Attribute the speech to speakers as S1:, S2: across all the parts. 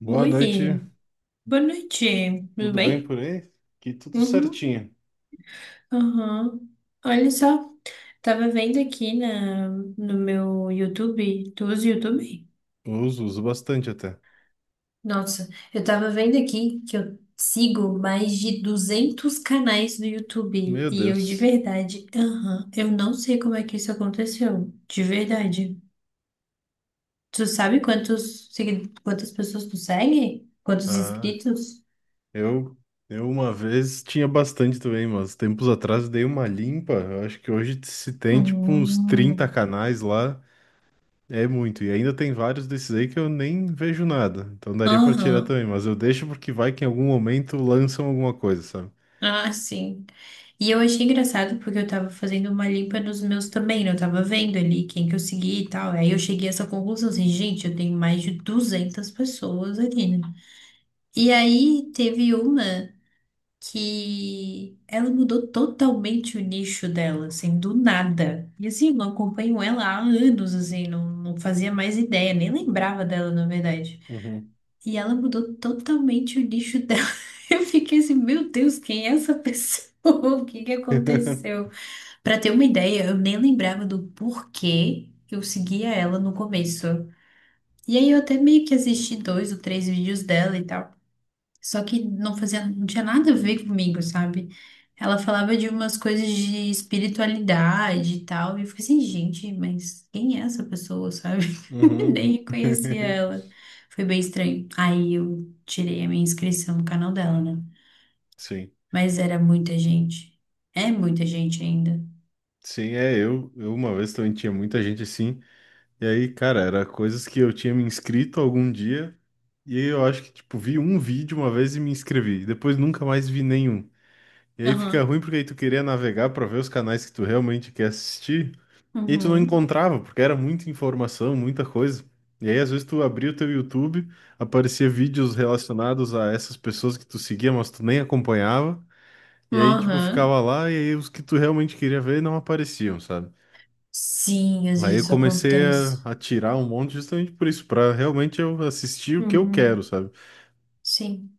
S1: Boa noite,
S2: Oi, boa noite, tudo
S1: tudo bem
S2: bem?
S1: por aí? Aqui tudo
S2: Uhum.
S1: certinho.
S2: Aham. Olha só, tava vendo aqui no meu YouTube, tu usa o YouTube?
S1: Uso, uso bastante até.
S2: Nossa, eu tava vendo aqui que eu sigo mais de 200 canais do YouTube
S1: Meu
S2: e eu de
S1: Deus.
S2: verdade, aham, eu não sei como é que isso aconteceu, de verdade. Tu sabe quantas pessoas tu segue? Quantos
S1: Ah,
S2: inscritos?
S1: eu, eu uma vez tinha bastante também, mas tempos atrás dei uma limpa. Eu acho que hoje se tem tipo uns 30
S2: Hum.
S1: canais lá. É muito. E ainda tem vários desses aí que eu nem vejo nada. Então daria pra tirar
S2: Aham,
S1: também, mas eu deixo porque vai que em algum momento lançam alguma coisa, sabe?
S2: ah, sim. E eu achei engraçado porque eu tava fazendo uma limpa nos meus também, né? Eu tava vendo ali quem que eu segui e tal. Aí eu cheguei a essa conclusão assim, gente, eu tenho mais de 200 pessoas ali, né? E aí teve uma que ela mudou totalmente o nicho dela, assim, do nada. E assim, eu não acompanho ela há anos, assim, não fazia mais ideia, nem lembrava dela, na verdade.
S1: Uhum.
S2: E ela mudou totalmente o nicho dela. Eu fiquei assim, meu Deus, quem é essa pessoa? O que que aconteceu? Pra ter uma ideia, eu nem lembrava do porquê eu seguia ela no começo. E aí eu até meio que assisti dois ou três vídeos dela e tal. Só que não fazia, não tinha nada a ver comigo, sabe? Ela falava de umas coisas de espiritualidade e tal. E eu fiquei assim, gente, mas quem é essa pessoa, sabe?
S1: Uhum.
S2: Nem reconhecia ela. Foi bem estranho. Aí eu tirei a minha inscrição no canal dela, né?
S1: Sim.
S2: Mas era muita gente. É muita gente ainda.
S1: Sim, é, eu uma vez também tinha muita gente assim, e aí, cara, era coisas que eu tinha me inscrito algum dia, e aí eu acho que, tipo, vi um vídeo uma vez e me inscrevi, e depois nunca mais vi nenhum. E aí fica
S2: Aham.
S1: ruim porque aí tu queria navegar pra ver os canais que tu realmente quer assistir, e aí tu não
S2: Uhum.
S1: encontrava, porque era muita informação, muita coisa. E aí, às vezes, tu abria o teu YouTube, aparecia vídeos relacionados a essas pessoas que tu seguia, mas tu nem acompanhava, e aí, tipo,
S2: Aham.
S1: ficava lá, e aí os que tu realmente queria ver não apareciam, sabe?
S2: Sim, às
S1: Aí
S2: vezes
S1: eu
S2: isso
S1: comecei
S2: acontece.
S1: a tirar um monte justamente por isso, para realmente eu assistir o que eu quero,
S2: Uhum.
S1: sabe?
S2: Sim.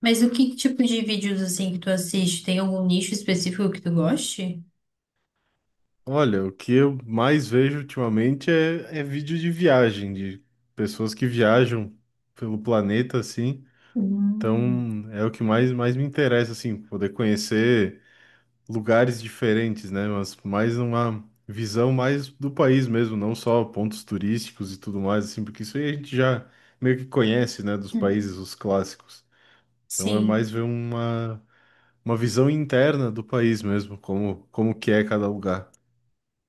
S2: Mas o que tipo de vídeos assim que tu assiste? Tem algum nicho específico que tu goste?
S1: Olha, o que eu mais vejo ultimamente é vídeo de viagem, de pessoas que viajam pelo planeta, assim.
S2: Hum.
S1: Então é o que mais me interessa, assim, poder conhecer lugares diferentes, né? Mas mais uma visão mais do país mesmo, não só pontos turísticos e tudo mais, assim, porque isso aí a gente já meio que conhece, né, dos
S2: Hum.
S1: países, os clássicos. Então é
S2: Sim.
S1: mais ver uma visão interna do país mesmo, como, como que é cada lugar.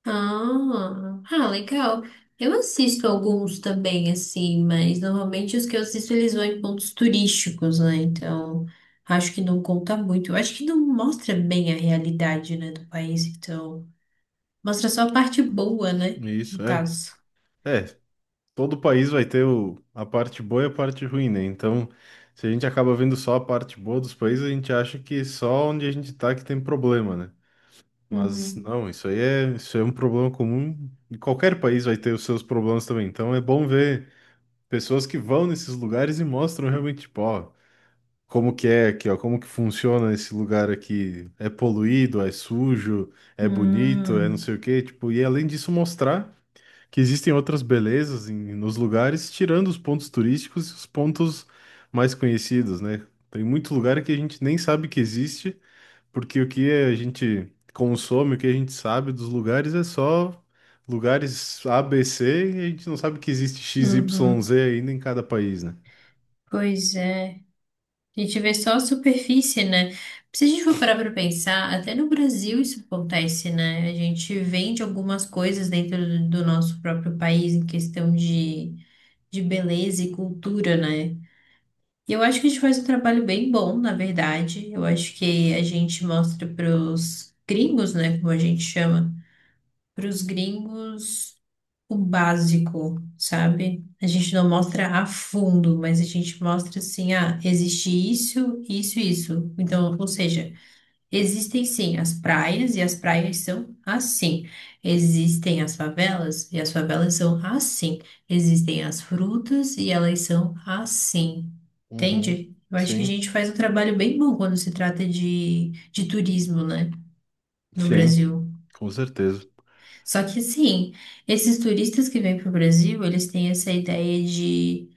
S2: Ah, ah, legal. Eu assisto alguns também, assim, mas normalmente os que eu assisto eles vão em pontos turísticos, né? Então, acho que não conta muito. Eu acho que não mostra bem a realidade, né, do país, então. Mostra só a parte boa, né? No
S1: Isso, é.
S2: caso.
S1: É, todo país vai ter a parte boa e a parte ruim, né? Então, se a gente acaba vendo só a parte boa dos países, a gente acha que só onde a gente tá que tem problema, né? Mas não, isso é um problema comum e qualquer país vai ter os seus problemas também. Então é bom ver pessoas que vão nesses lugares e mostram realmente, tipo, ó, como que é aqui, ó, como que funciona esse lugar aqui? É poluído, é sujo, é bonito, é não
S2: Hum,
S1: sei o quê, tipo, e além disso mostrar que existem outras belezas nos lugares, tirando os pontos turísticos e os pontos mais conhecidos, né? Tem muito lugar que a gente nem sabe que existe, porque o que a gente consome, o que a gente sabe dos lugares é só lugares A, B, C, e a gente não sabe que existe X, Y,
S2: uhum.
S1: Z ainda em cada país, né?
S2: Pois é. A gente vê só a superfície, né? Se a gente for parar para pensar, até no Brasil isso acontece, né? A gente vende algumas coisas dentro do nosso próprio país em questão de beleza e cultura, né? E eu acho que a gente faz um trabalho bem bom, na verdade. Eu acho que a gente mostra para os gringos, né? Como a gente chama. Para os gringos o básico, sabe? A gente não mostra a fundo, mas a gente mostra assim, ah, existe isso, isso, isso. Então, ou seja, existem sim as praias e as praias são assim. Existem as favelas e as favelas são assim. Existem as frutas e elas são assim.
S1: Uhum.
S2: Entende? Eu acho que a
S1: Sim,
S2: gente faz um trabalho bem bom quando se trata de turismo, né? No
S1: sim.
S2: Brasil.
S1: Com certeza.
S2: Só que assim, esses turistas que vêm para o Brasil, eles têm essa ideia de,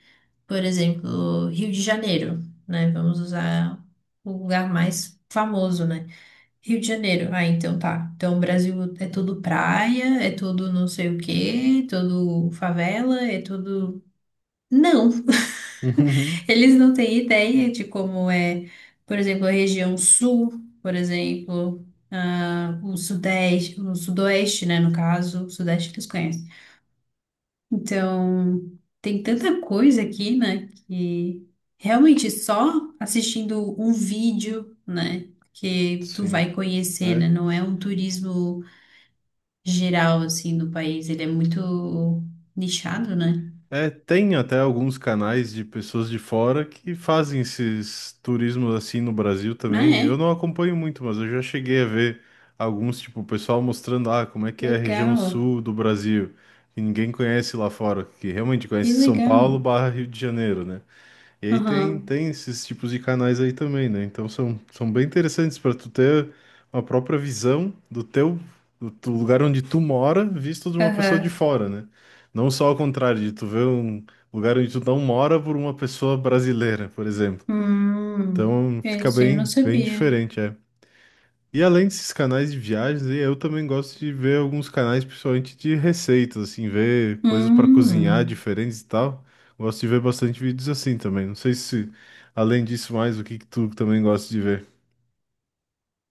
S2: por exemplo, Rio de Janeiro, né? Vamos usar o lugar mais famoso, né? Rio de Janeiro. Ah, então tá. Então o Brasil é tudo praia, é tudo não sei o quê, tudo favela, é tudo. Não, eles não têm ideia de como é, por exemplo, a região sul, por exemplo, ah, o sudeste, o sudoeste, né? No caso, o sudeste eles conhecem. Então, tem tanta coisa aqui, né, que realmente só assistindo um vídeo, né, que tu
S1: Sim.
S2: vai conhecer,
S1: É.
S2: né, não é um turismo geral, assim, do país, ele é muito nichado, né?
S1: É, tem até alguns canais de pessoas de fora que fazem esses turismos assim no Brasil
S2: Ah,
S1: também. Eu
S2: é?
S1: não acompanho muito, mas eu já cheguei a ver alguns, tipo, o pessoal mostrando, ah, como é que é a região
S2: Legal,
S1: sul do Brasil, que ninguém conhece lá fora, que realmente conhece
S2: que
S1: São
S2: legal.
S1: Paulo barra Rio de Janeiro, né? E aí tem,
S2: Aham,
S1: tem esses tipos de canais aí também, né? Então são bem interessantes para tu ter uma própria visão do teu, do lugar onde tu mora, visto de uma pessoa de
S2: aham.
S1: fora, né? Não só ao contrário, de tu ver um lugar onde tu não mora por uma pessoa brasileira, por exemplo. Então fica
S2: Esse eu não
S1: bem, bem
S2: sabia.
S1: diferente, é. E além desses canais de viagens, eu também gosto de ver alguns canais, principalmente de receitas, assim, ver coisas para cozinhar
S2: Hum.
S1: diferentes e tal. Gosto de ver bastante vídeos assim também. Não sei se, além disso, mais o que que tu também gosta de ver.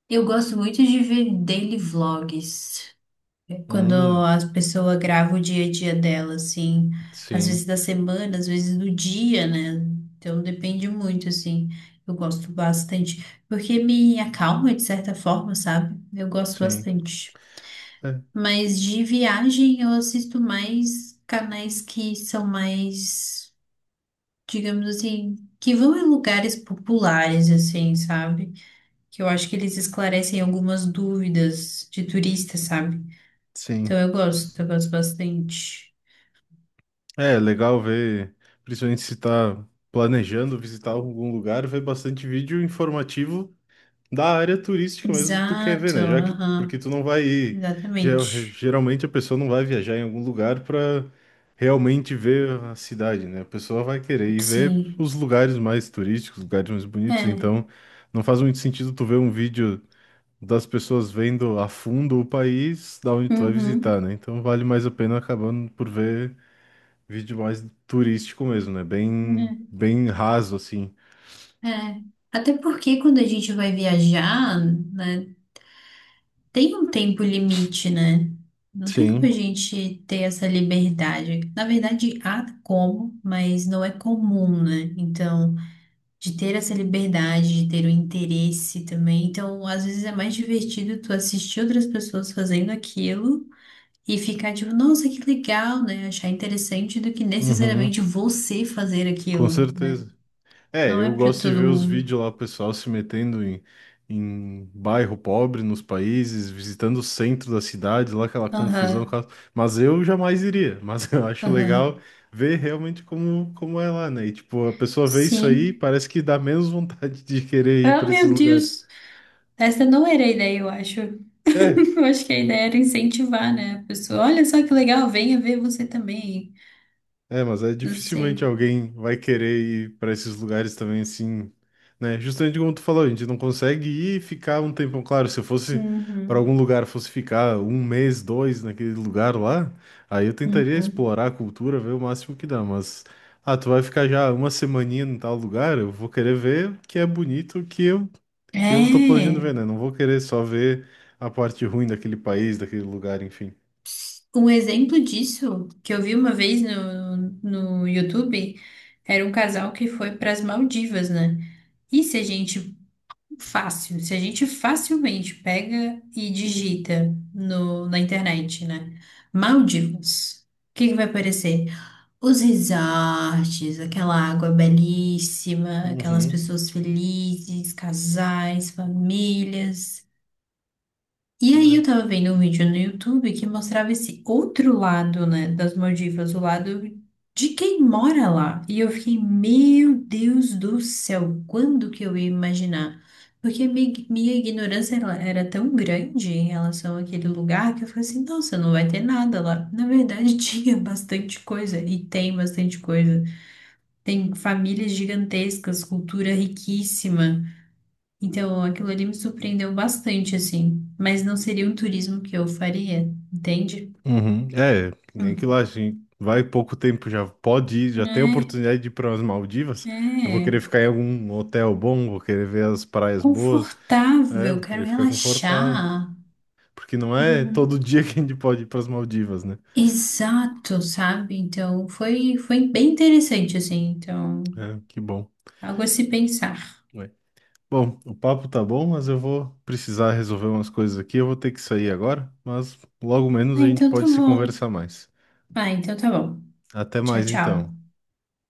S2: Eu gosto muito de ver daily vlogs. Quando
S1: Hum,
S2: as pessoas gravam o dia a dia dela, assim, às vezes
S1: sim,
S2: da semana, às vezes do dia, né? Então depende muito, assim. Eu gosto bastante, porque me acalma de certa forma, sabe? Eu gosto
S1: sim,
S2: bastante.
S1: é,
S2: Mas de viagem eu assisto mais canais que são mais, digamos assim, que vão em lugares populares, assim, sabe? Que eu acho que eles esclarecem algumas dúvidas de turista, sabe? Então
S1: sim.
S2: eu gosto bastante.
S1: É legal ver, principalmente se tá planejando visitar algum lugar, ver bastante vídeo informativo da área turística mesmo que tu quer ver,
S2: Exato,
S1: né? Já que, porque
S2: aham,
S1: tu não vai ir.
S2: exatamente.
S1: Geralmente a pessoa não vai viajar em algum lugar para realmente ver a cidade, né? A pessoa vai querer ir ver
S2: Sim,
S1: os lugares mais turísticos, os lugares mais bonitos.
S2: é,
S1: Então, não faz muito sentido tu ver um vídeo das pessoas vendo a fundo o país da onde tu vai visitar,
S2: uhum,
S1: né? Então, vale mais a pena acabando por ver vídeo mais turístico mesmo, né? Bem, bem raso assim.
S2: é, é. Até porque quando a gente vai viajar, né, tem um tempo limite, né? Não tem como a
S1: Sim.
S2: gente ter essa liberdade. Na verdade, há como, mas não é comum, né? Então, de ter essa liberdade, de ter o interesse também. Então, às vezes é mais divertido tu assistir outras pessoas fazendo aquilo e ficar tipo, nossa, que legal, né? Achar interessante do que necessariamente
S1: Uhum,
S2: você fazer
S1: com
S2: aquilo, né?
S1: certeza. É,
S2: Não é
S1: eu
S2: pra
S1: gosto de
S2: todo
S1: ver os
S2: mundo.
S1: vídeos lá, o pessoal se metendo em bairro pobre nos países, visitando o centro da cidade, lá aquela confusão.
S2: Aham,
S1: Mas eu jamais iria. Mas eu acho legal
S2: aham.
S1: ver realmente como, como é lá, né? E tipo, a pessoa vê isso aí,
S2: Sim.
S1: parece que dá menos vontade de querer ir
S2: Ah,
S1: para esses
S2: meu
S1: lugares.
S2: Deus. Essa não era a ideia, eu acho.
S1: É,
S2: Eu acho que a ideia era incentivar, né? A pessoa, olha só que legal, venha ver você também.
S1: É, mas é
S2: Não
S1: dificilmente
S2: sei.
S1: alguém vai querer ir para esses lugares também assim, né? Justamente como tu falou, a gente não consegue ir e ficar um tempão. Claro, se eu fosse para
S2: Uhum,
S1: algum lugar, fosse ficar um mês, dois naquele lugar lá, aí eu tentaria
S2: uhum.
S1: explorar a cultura, ver o máximo que dá. Mas, ah, tu vai ficar já uma semaninha em tal lugar, eu vou querer ver o que é bonito, o que eu tô planejando
S2: É.
S1: ver, né? Não vou querer só ver a parte ruim daquele país, daquele lugar, enfim.
S2: Um exemplo disso que eu vi uma vez no YouTube era um casal que foi para as Maldivas, né? E se a gente se a gente facilmente pega e digita no, na internet, né? Maldivas. O que que vai aparecer? Os resorts, aquela água belíssima, aquelas
S1: Uhum.
S2: pessoas felizes, casais, famílias. E aí eu tava vendo um vídeo no YouTube que mostrava esse outro lado, né, das Maldivas, o lado de quem mora lá. E eu fiquei, meu Deus do céu, quando que eu ia imaginar? Porque minha ignorância ela era tão grande em relação àquele lugar que eu falei assim, nossa, não vai ter nada lá. Na verdade, tinha bastante coisa e tem bastante coisa. Tem famílias gigantescas, cultura riquíssima. Então, aquilo ali me surpreendeu bastante, assim. Mas não seria um turismo que eu faria, entende?
S1: Uhum. É, nem que lá,
S2: Hum.
S1: assim, vai pouco tempo já pode ir, já tem a
S2: É,
S1: oportunidade de ir para as Maldivas. Eu vou querer
S2: é.
S1: ficar em algum hotel bom, vou querer ver as praias boas, é,
S2: Confortável,
S1: vou
S2: quero
S1: querer ficar confortável,
S2: relaxar.
S1: porque não é todo
S2: Uhum.
S1: dia que a gente pode ir para as Maldivas, né?
S2: Exato, sabe? Então, foi, foi bem interessante, assim. Então,
S1: É, que bom.
S2: algo a se pensar.
S1: Ué. Bom, o papo tá bom, mas eu vou precisar resolver umas coisas aqui, eu vou ter que sair agora, mas logo
S2: Ah,
S1: menos a gente
S2: então tá
S1: pode se
S2: bom.
S1: conversar mais.
S2: Ah, então tá bom.
S1: Até
S2: Tchau,
S1: mais então.
S2: tchau.